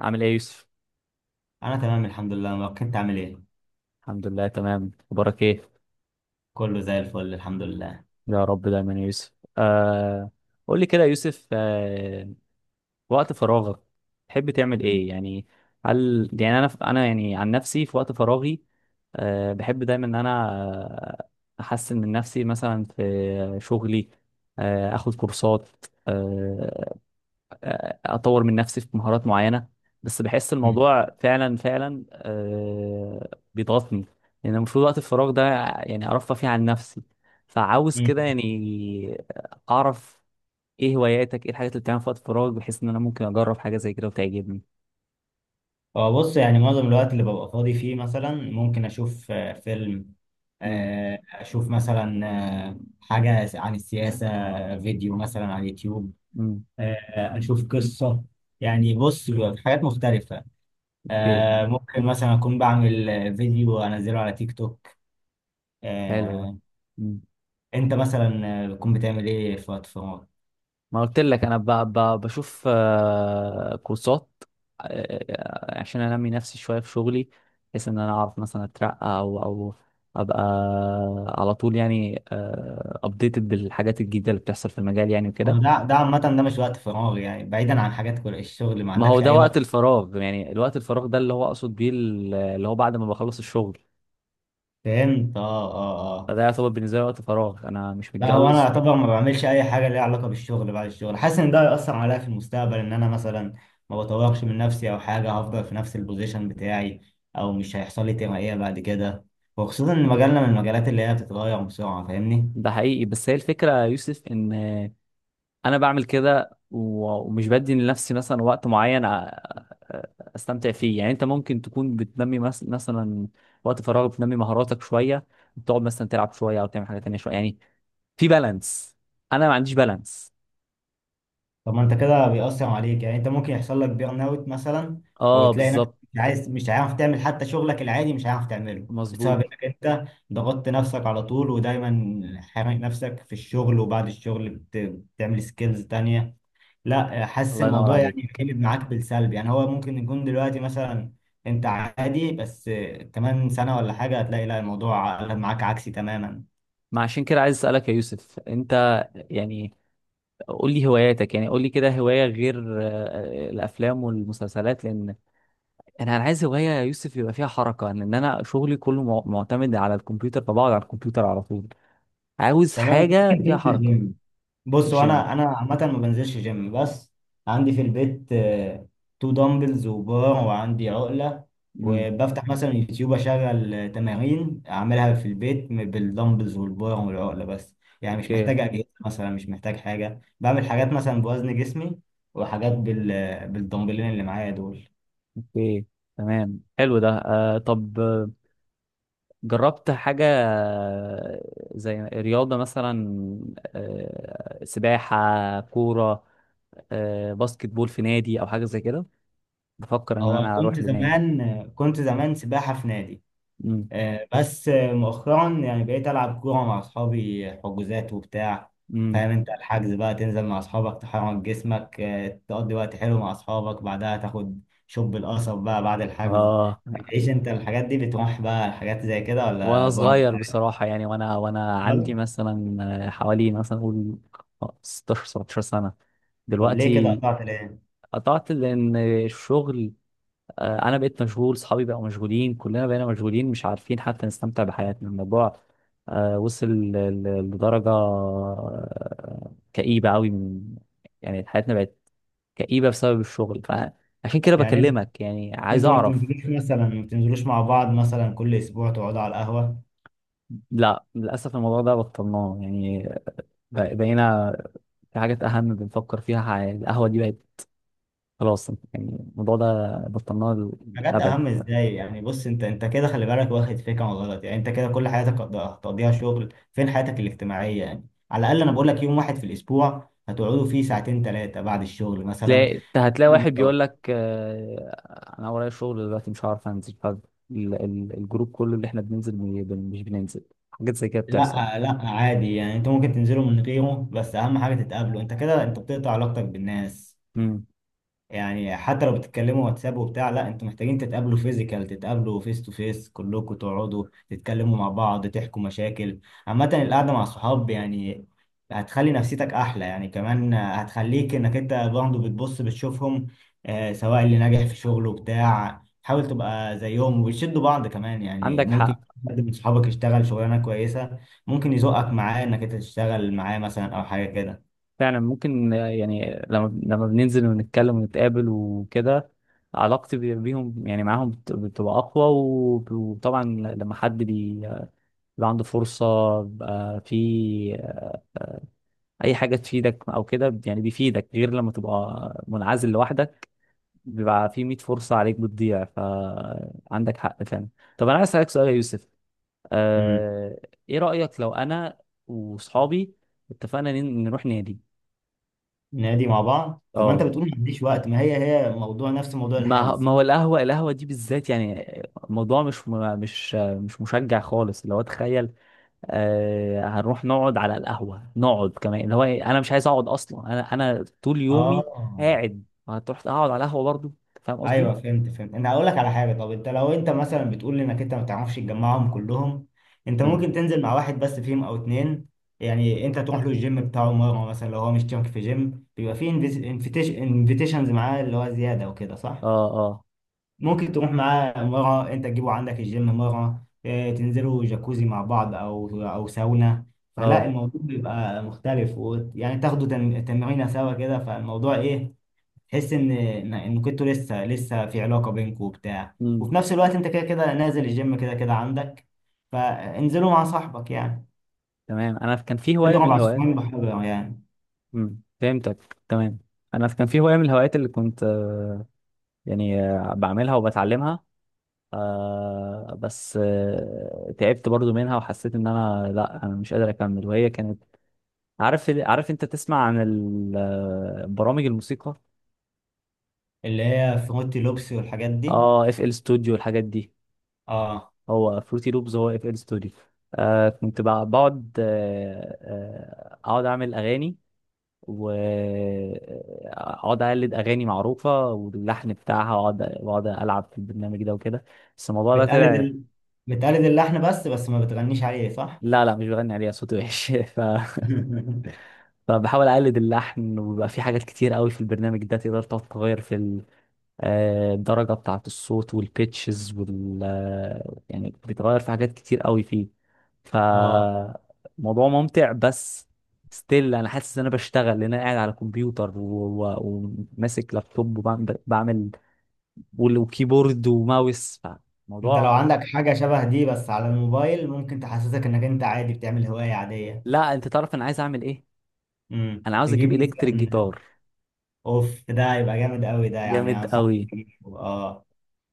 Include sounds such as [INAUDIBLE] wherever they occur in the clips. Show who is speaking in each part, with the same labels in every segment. Speaker 1: عامل ايه يا يوسف؟
Speaker 2: انا تمام الحمد لله. ما كنت عامل ايه؟
Speaker 1: الحمد لله، تمام. اخبارك ايه؟
Speaker 2: كله زي الفل الحمد لله.
Speaker 1: يا رب دايما يا يوسف. آه قول لي كده يا يوسف، وقت فراغك تحب تعمل
Speaker 2: مم.
Speaker 1: ايه يعني؟ هل يعني انا يعني عن نفسي في وقت فراغي، بحب دايما ان انا احسن من نفسي مثلا في شغلي، اخد كورسات، آه، اطور من نفسي في مهارات معينه. بس بحس
Speaker 2: مم.
Speaker 1: الموضوع فعلا فعلا بيضغطني، لان المفروض وقت الفراغ ده يعني ارفه فيه عن نفسي، فعاوز
Speaker 2: مم.
Speaker 1: كده يعني اعرف ايه هواياتك، ايه الحاجات اللي بتعملها في وقت الفراغ بحيث ان انا ممكن اجرب حاجه زي كده وتعجبني.
Speaker 2: هو بص، يعني معظم الوقت اللي ببقى فاضي فيه مثلا ممكن اشوف فيلم،
Speaker 1: امم،
Speaker 2: اشوف مثلا حاجة عن السياسة، فيديو مثلا على اليوتيوب،
Speaker 1: امم،
Speaker 2: آه، اشوف قصة. يعني بص بيبقى في حاجات مختلفة،
Speaker 1: اوكي،
Speaker 2: ممكن مثلا اكون بعمل فيديو انزله على تيك توك.
Speaker 1: حلو ده.
Speaker 2: آه، انت مثلا بتكون بتعمل ايه في وقت فراغك؟
Speaker 1: ما قلت لك انا، بشوف كورسات، عشان انمي نفسي شويه في شغلي، بحيث ان انا اعرف مثلا اترقى او ابقى على طول يعني ابديتد بالحاجات الجديده اللي بتحصل في المجال يعني
Speaker 2: هو
Speaker 1: وكده.
Speaker 2: ده عامة ده مش وقت فراغ، يعني بعيدا عن حاجات كل الشغل، ما
Speaker 1: ما هو
Speaker 2: عندكش
Speaker 1: ده
Speaker 2: أي
Speaker 1: وقت
Speaker 2: وقت؟
Speaker 1: الفراغ، يعني الوقت الفراغ ده اللي هو اقصد بيه، اللي هو بعد ما بخلص الشغل،
Speaker 2: فهمت. اه اه اه.
Speaker 1: فده يعتبر بالنسبه لي وقت فراغ، انا مش
Speaker 2: لا، هو أنا
Speaker 1: متجوز.
Speaker 2: أعتبر ما بعملش أي حاجة ليها علاقة بالشغل بعد الشغل، حاسس إن ده هيأثر عليا في المستقبل، إن أنا مثلا ما بطورش من نفسي أو حاجة، هفضل في نفس البوزيشن بتاعي، أو مش هيحصل لي ترقية بعد كده، وخصوصا إن مجالنا من المجالات اللي هي بتتغير بسرعة. فاهمني؟
Speaker 1: ده حقيقي، بس هي الفكره يا يوسف ان انا بعمل كده، ومش بدي لنفسي مثلا وقت معين أ- استمتع فيه. يعني انت ممكن تكون بتنمي مثلا وقت فراغك بتنمي مهاراتك شويه، بتقعد مثلا تلعب شويه او تعمل حاجه تانية شويه، يعني في بالانس. انا ما عنديش بالانس.
Speaker 2: طب ما انت كده بيأثر عليك، يعني انت ممكن يحصل لك بيرن اوت مثلا،
Speaker 1: اه،
Speaker 2: وتلاقي نفسك
Speaker 1: بالظبط.
Speaker 2: مش عايز، مش عارف تعمل حتى شغلك العادي، مش عارف تعمله بسبب
Speaker 1: مظبوط،
Speaker 2: انك انت ضغطت نفسك على طول ودايما حارق نفسك في الشغل، وبعد الشغل بتعمل سكيلز تانية. لا حاسس
Speaker 1: الله ينور
Speaker 2: الموضوع يعني
Speaker 1: عليك.
Speaker 2: قلب معاك بالسلب، يعني هو ممكن يكون دلوقتي مثلا انت عادي، بس كمان سنة ولا حاجة هتلاقي لا الموضوع قلب معاك عكسي تماما.
Speaker 1: ما عشان كده عايز اسالك يا يوسف، انت يعني قول لي هواياتك، يعني قول لي كده هوايه غير الافلام والمسلسلات، لان انا عايز هوايه يا يوسف يبقى فيها حركه، ان إن انا شغلي كله معتمد على الكمبيوتر، فبقعد على الكمبيوتر على طول، عاوز
Speaker 2: تمام. انت ممكن
Speaker 1: حاجه فيها
Speaker 2: تنزل
Speaker 1: حركه.
Speaker 2: جيم. بص،
Speaker 1: جيم.
Speaker 2: وانا عامه ما بنزلش جيم، بس عندي في البيت تو دمبلز وبار وعندي عقله،
Speaker 1: امم.
Speaker 2: وبفتح مثلا يوتيوب اشغل تمارين اعملها في البيت بالدمبلز والبار والعقله بس. يعني مش
Speaker 1: اوكي.
Speaker 2: محتاج اجهزه مثلا، مش محتاج حاجه، بعمل حاجات مثلا بوزن جسمي وحاجات بالدمبلين اللي معايا دول.
Speaker 1: اوكي، تمام، حلو ده. طب، جربت حاجه زي رياضه مثلا، سباحه، كوره، باسكت بول في نادي او حاجه زي كده؟ بفكر ان
Speaker 2: هو
Speaker 1: انا اروح
Speaker 2: كنت
Speaker 1: لنادي.
Speaker 2: زمان، كنت زمان سباحه في نادي،
Speaker 1: امم.
Speaker 2: بس مؤخرا يعني بقيت ألعب كورة مع أصحابي، حجوزات وبتاع.
Speaker 1: امم.
Speaker 2: فاهم أنت؟ الحجز بقى تنزل مع أصحابك، تحرك جسمك، تقضي وقت حلو مع أصحابك، بعدها تاخد شوب القصب بقى بعد الحجز.
Speaker 1: اه.
Speaker 2: بتعيش أنت الحاجات دي؟ بتروح بقى الحاجات زي كده ولا
Speaker 1: وانا
Speaker 2: برضه
Speaker 1: صغير بصراحة، يعني وانا عندي
Speaker 2: بتفضل؟
Speaker 1: مثلا حوالي، مثلا اقول، 16 17 سنة.
Speaker 2: طب ليه كده
Speaker 1: دلوقتي
Speaker 2: قطعت ليه؟
Speaker 1: قطعت لان الشغل، انا بقيت مشغول، صحابي بقوا مشغولين، كلنا بقينا مشغولين مش عارفين حتى نستمتع بحياتنا. الموضوع وصل لدرجة كئيبة قوي، من، يعني حياتنا بقت كئيبة بسبب الشغل، فعشان كده
Speaker 2: يعني انت-
Speaker 1: بكلمك يعني عايز
Speaker 2: أنتوا ما
Speaker 1: اعرف.
Speaker 2: بتنزلوش مثلا، ما بتنزلوش مع بعض مثلا كل أسبوع تقعدوا على القهوة؟
Speaker 1: لا، للاسف الموضوع ده بطلناه يعني، بقينا في حاجات أهم بنفكر فيها، القهوة دي بقت خلاص يعني، الموضوع ده بطلناه
Speaker 2: حاجات
Speaker 1: للأبد.
Speaker 2: اهم ازاي يعني؟ بص، انت كده خلي بالك، واخد فكره غلط. يعني انت كده كل حياتك هتقضيها شغل، فين حياتك الاجتماعيه؟ يعني على الاقل انا بقول لك يوم واحد في الاسبوع هتقعدوا فيه ساعتين ثلاثه بعد الشغل مثلا.
Speaker 1: تلاقي أنت، هتلاقي واحد بيقول لك أنا ورايا شغل دلوقتي مش هعرف أنزل، فالجروب كله اللي إحنا بننزل، مش بننزل. حاجات زي كده بتحصل.
Speaker 2: لا لا عادي، يعني انتوا ممكن تنزلوا من غيره، بس اهم حاجه تتقابلوا. انت كده انت بتقطع علاقتك بالناس،
Speaker 1: مم.
Speaker 2: يعني حتى لو بتتكلموا واتساب وبتاع، لا انتوا محتاجين تتقابلوا فيزيكال، تتقابلوا فيس تو فيس كلكم، تقعدوا تتكلموا مع بعض، تحكوا مشاكل. عامة القعدة مع الصحاب يعني هتخلي نفسيتك احلى، يعني كمان هتخليك انك انت برضه بتبص بتشوفهم، آه، سواء اللي ناجح في شغله بتاع حاول تبقى زيهم، وبتشدوا بعض. كمان يعني
Speaker 1: عندك
Speaker 2: ممكن
Speaker 1: حق.
Speaker 2: حد من صحابك يشتغل شغلانة كويسة، ممكن يزقك معاه انك انت تشتغل معاه مثلا او حاجة كده.
Speaker 1: فعلا ممكن يعني لما بننزل ونتكلم ونتقابل وكده، علاقتي بيهم يعني معاهم بتبقى أقوى، وطبعا لما حد بيبقى عنده فرصة، بيبقى في أي حاجة تفيدك أو كده، يعني بيفيدك غير لما تبقى منعزل لوحدك. بيبقى في 100 فرصة عليك بتضيع، فعندك حق فعلا. طب أنا عايز أسألك سؤال يا يوسف، آه... إيه رأيك لو أنا وصحابي اتفقنا نروح نادي؟
Speaker 2: نادي مع بعض؟ طب ما انت
Speaker 1: اه.
Speaker 2: بتقول ما عنديش وقت، ما هي موضوع نفس موضوع
Speaker 1: ما
Speaker 2: الحجز.
Speaker 1: ما هو، القهوة القهوة دي بالذات يعني، الموضوع مش مشجع خالص، اللي هو تخيل، هنروح نقعد على القهوة، نقعد كمان اللي هو إيه، انا مش عايز اقعد اصلا، انا طول يومي
Speaker 2: اه.
Speaker 1: قاعد، هتروح اقعد على القهوة برضو؟ أنت فاهم قصدي.
Speaker 2: ايوه، فهمت فهمت. انا هقول لك على حاجه. طب انت لو انت مثلا بتقول انك انت ما تعرفش تجمعهم كلهم، انت
Speaker 1: امم.
Speaker 2: ممكن تنزل مع واحد بس فيهم او اتنين. يعني انت تروح له الجيم بتاعه مره مثلا، لو هو مش مشترك في جيم بيبقى فيه انفيتيشنز معاه اللي هو زياده وكده، صح؟
Speaker 1: اه. اه.
Speaker 2: ممكن تروح معاه مرة، انت تجيبه عندك الجيم مرة، اه، تنزلوا جاكوزي مع بعض او ساونا. فلا
Speaker 1: اه.
Speaker 2: الموضوع بيبقى مختلف، ويعني تاخدوا تمرينة سوا كده. فالموضوع ايه؟ تحس ان إن كنتوا لسه لسه في علاقة بينكم وبتاع، وفي
Speaker 1: امم.
Speaker 2: نفس الوقت انت كده كده نازل الجيم، كده كده عندك، فانزلوا مع صاحبك يعني.
Speaker 1: تمام، انا كان في هواية من
Speaker 2: تضرب
Speaker 1: الهوايات.
Speaker 2: عصفورين بحجر يعني.
Speaker 1: امم، فهمتك تمام. انا كان في هواية من الهوايات اللي كنت يعني بعملها وبتعلمها، بس تعبت برضو منها، وحسيت ان انا، لا انا مش قادر اكمل. وهي كانت، عارف عارف انت تسمع عن برامج الموسيقى.
Speaker 2: اللي هي فروتي لوبسي والحاجات دي.
Speaker 1: اه، اف ال ستوديو والحاجات دي.
Speaker 2: اه،
Speaker 1: هو فروتي لوبز هو اف ال ستوديو. كنت بقعد، اقعد اعمل اغاني، واقعد اقلد اغاني معروفه واللحن بتاعها، واقعد واقعد العب في البرنامج ده وكده. بس الموضوع ده
Speaker 2: بتقلد
Speaker 1: طلع...
Speaker 2: بتقلد اللحن، بس ما بتغنيش عليه صح؟
Speaker 1: لا، لا، مش بغني عليها، صوتي وحش. [LAUGHS]
Speaker 2: [LAUGHS]
Speaker 1: فبحاول اقلد اللحن، وبيبقى في حاجات كتير قوي في البرنامج ده تقدر تقعد تغير في الدرجة بتاعة الصوت والبيتشز، وال يعني بيتغير في حاجات كتير قوي فيه.
Speaker 2: اه،
Speaker 1: فموضوع ممتع، بس ستيل انا حاسس ان انا بشتغل، لان انا قاعد على كمبيوتر، وماسك لابتوب، وكيبورد وماوس.
Speaker 2: انت لو
Speaker 1: فموضوع...
Speaker 2: عندك حاجة شبه دي بس على الموبايل ممكن تحسسك انك انت عادي بتعمل هواية عادية.
Speaker 1: لا، انت تعرف انا عايز اعمل ايه؟
Speaker 2: امم،
Speaker 1: انا عاوز
Speaker 2: تجيب
Speaker 1: اجيب الكتريك
Speaker 2: مثلا.
Speaker 1: جيتار.
Speaker 2: اوف، ده يبقى جامد قوي، ده يعني
Speaker 1: جامد
Speaker 2: انصحك
Speaker 1: قوي.
Speaker 2: تجيبه. اه،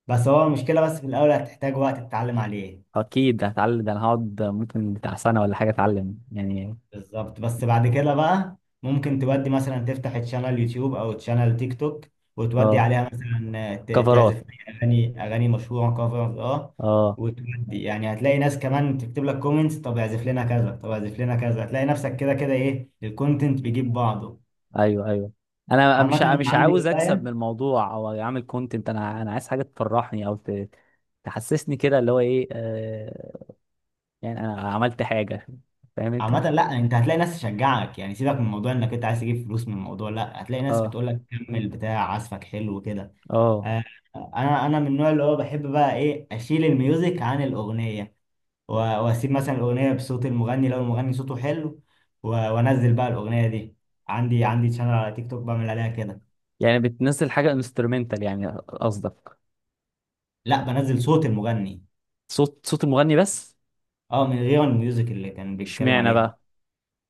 Speaker 2: بس هو المشكلة بس في الاول هتحتاج وقت تتعلم عليه.
Speaker 1: اكيد هتعلم، ده انا هقعد ممكن بتاع سنة ولا حاجة اتعلم يعني.
Speaker 2: بالظبط. بس بعد كده بقى ممكن تودي مثلا تفتح تشانل يوتيوب او تشانل تيك توك، وتودي
Speaker 1: اه،
Speaker 2: عليها مثلا
Speaker 1: كفرات.
Speaker 2: تعزف اغاني، اغاني مشهوره، كفرز اه،
Speaker 1: اه.
Speaker 2: وتودي يعني هتلاقي ناس كمان تكتب لك كومنتس، طب اعزف لنا كذا طب اعزف لنا كذا، هتلاقي نفسك كده كده ايه الكونتنت بيجيب بعضه.
Speaker 1: ايوه، ايوه. انا
Speaker 2: عامة
Speaker 1: مش ع-
Speaker 2: انا
Speaker 1: مش عاوز
Speaker 2: عندي
Speaker 1: اكسب
Speaker 2: هواية.
Speaker 1: من الموضوع او اعمل كونتنت، انا عايز حاجه تفرحني او تحسسني كده، اللي هو ايه، يعني انا عملت حاجه، فاهم انت.
Speaker 2: عامة لا، انت هتلاقي ناس تشجعك. يعني سيبك من موضوع انك انت عايز تجيب فلوس من الموضوع، لا هتلاقي ناس
Speaker 1: اه.
Speaker 2: بتقول لك كمل، بتاع عزفك حلو كده.
Speaker 1: اه.
Speaker 2: آه، انا من النوع اللي هو بحب بقى ايه اشيل الميوزك عن الاغنيه، واسيب مثلا الاغنيه بصوت المغني لو المغني صوته حلو، وانزل بقى الاغنيه دي. عندي شانل على تيك توك بعمل عليها كده.
Speaker 1: يعني بتنزل حاجه انسترومنتال يعني قصدك؟
Speaker 2: لا، بنزل صوت المغني.
Speaker 1: صوت المغني بس؟
Speaker 2: اه، من غير الميوزك اللي كان بيتكلم
Speaker 1: اشمعنى
Speaker 2: عليها.
Speaker 1: بقى؟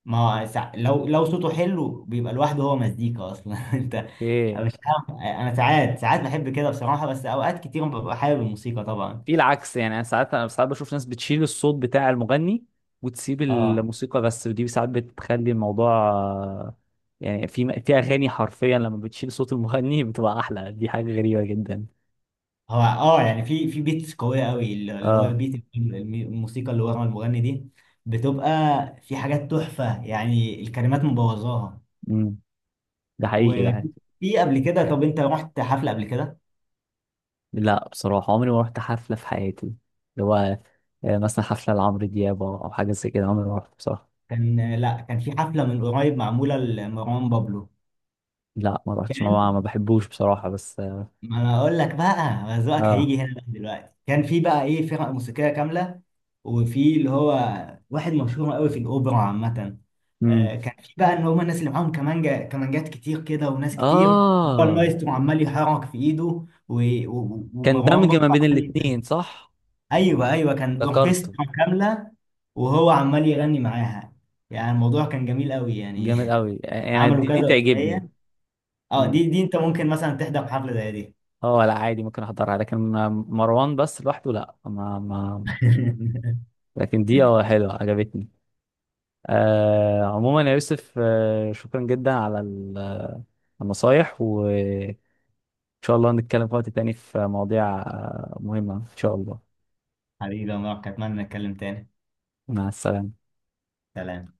Speaker 2: ما هو لو صوته حلو بيبقى لوحده، هو مزيكا اصلا. [LAUGHS] انت
Speaker 1: ايه؟
Speaker 2: مش فاهم، انا ساعات بحب كده بصراحه، بس اوقات كتير ببقى حابب الموسيقى طبعا.
Speaker 1: في العكس، يعني انا ساعات بشوف ناس بتشيل الصوت بتاع المغني وتسيب
Speaker 2: اه.
Speaker 1: الموسيقى بس، ودي ساعات بتخلي الموضوع يعني، في في اغاني حرفيا لما بتشيل صوت المغني بتبقى احلى، دي حاجه غريبه جدا.
Speaker 2: هو اه يعني في بيتس قويه قوي، اللي هو
Speaker 1: اه.
Speaker 2: بيت الموسيقى اللي ورا المغني دي بتبقى، في حاجات تحفه يعني الكلمات مبوظاها.
Speaker 1: امم. ده حقيقي، ده حقيقي.
Speaker 2: وفي قبل كده، طب انت رحت حفله قبل كده؟
Speaker 1: لا بصراحه، عمري ما رحت حفله في حياتي، اللي هو مثلا حفله لعمرو دياب او حاجه زي كده، عمري ما رحت بصراحه.
Speaker 2: كان لا كان في حفله من قريب معموله لمروان بابلو.
Speaker 1: لا، ما رحتش، ما بحبوش بصراحه، بس اه.
Speaker 2: ما انا اقول لك بقى، ما ذوقك
Speaker 1: اه.
Speaker 2: هيجي هنا بقى. دلوقتي كان في بقى ايه فرق موسيقيه كامله، وفي اللي هو واحد مشهور قوي في الاوبرا عامه، آه
Speaker 1: امم.
Speaker 2: كان في بقى ان هم الناس اللي معاهم كمانجا، كمانجات كتير كده وناس كتير، هو
Speaker 1: اه.
Speaker 2: المايسترو عمال يحرك في ايده،
Speaker 1: كان
Speaker 2: ومروان
Speaker 1: دمج
Speaker 2: بابا
Speaker 1: ما بين
Speaker 2: عمال يغني.
Speaker 1: الاتنين، صح؟
Speaker 2: ايوه ايوه كان
Speaker 1: ذكرته.
Speaker 2: اوركسترا كامله وهو عمال يغني معاها، يعني الموضوع كان جميل قوي يعني.
Speaker 1: جامد قوي،
Speaker 2: [LAUGHS]
Speaker 1: انا
Speaker 2: عملوا
Speaker 1: دي
Speaker 2: كذا
Speaker 1: دي تعجبني.
Speaker 2: اغنيه. اه،
Speaker 1: مم.
Speaker 2: دي دي انت ممكن مثلا تحضر حفله زي دي.
Speaker 1: اه، لا عادي، ممكن احضرها، لكن مروان بس لوحده لا، ما ما.
Speaker 2: [LAUGHS]
Speaker 1: لكن دي اه حلوه، عجبتني. عموما يا يوسف، شكرا جدا على النصايح، وان شاء الله نتكلم في وقت تاني في مواضيع مهمه ان شاء الله.
Speaker 2: حبيبي يا مروان، أتمنى نتكلم تاني.
Speaker 1: مع السلامه.
Speaker 2: سلام.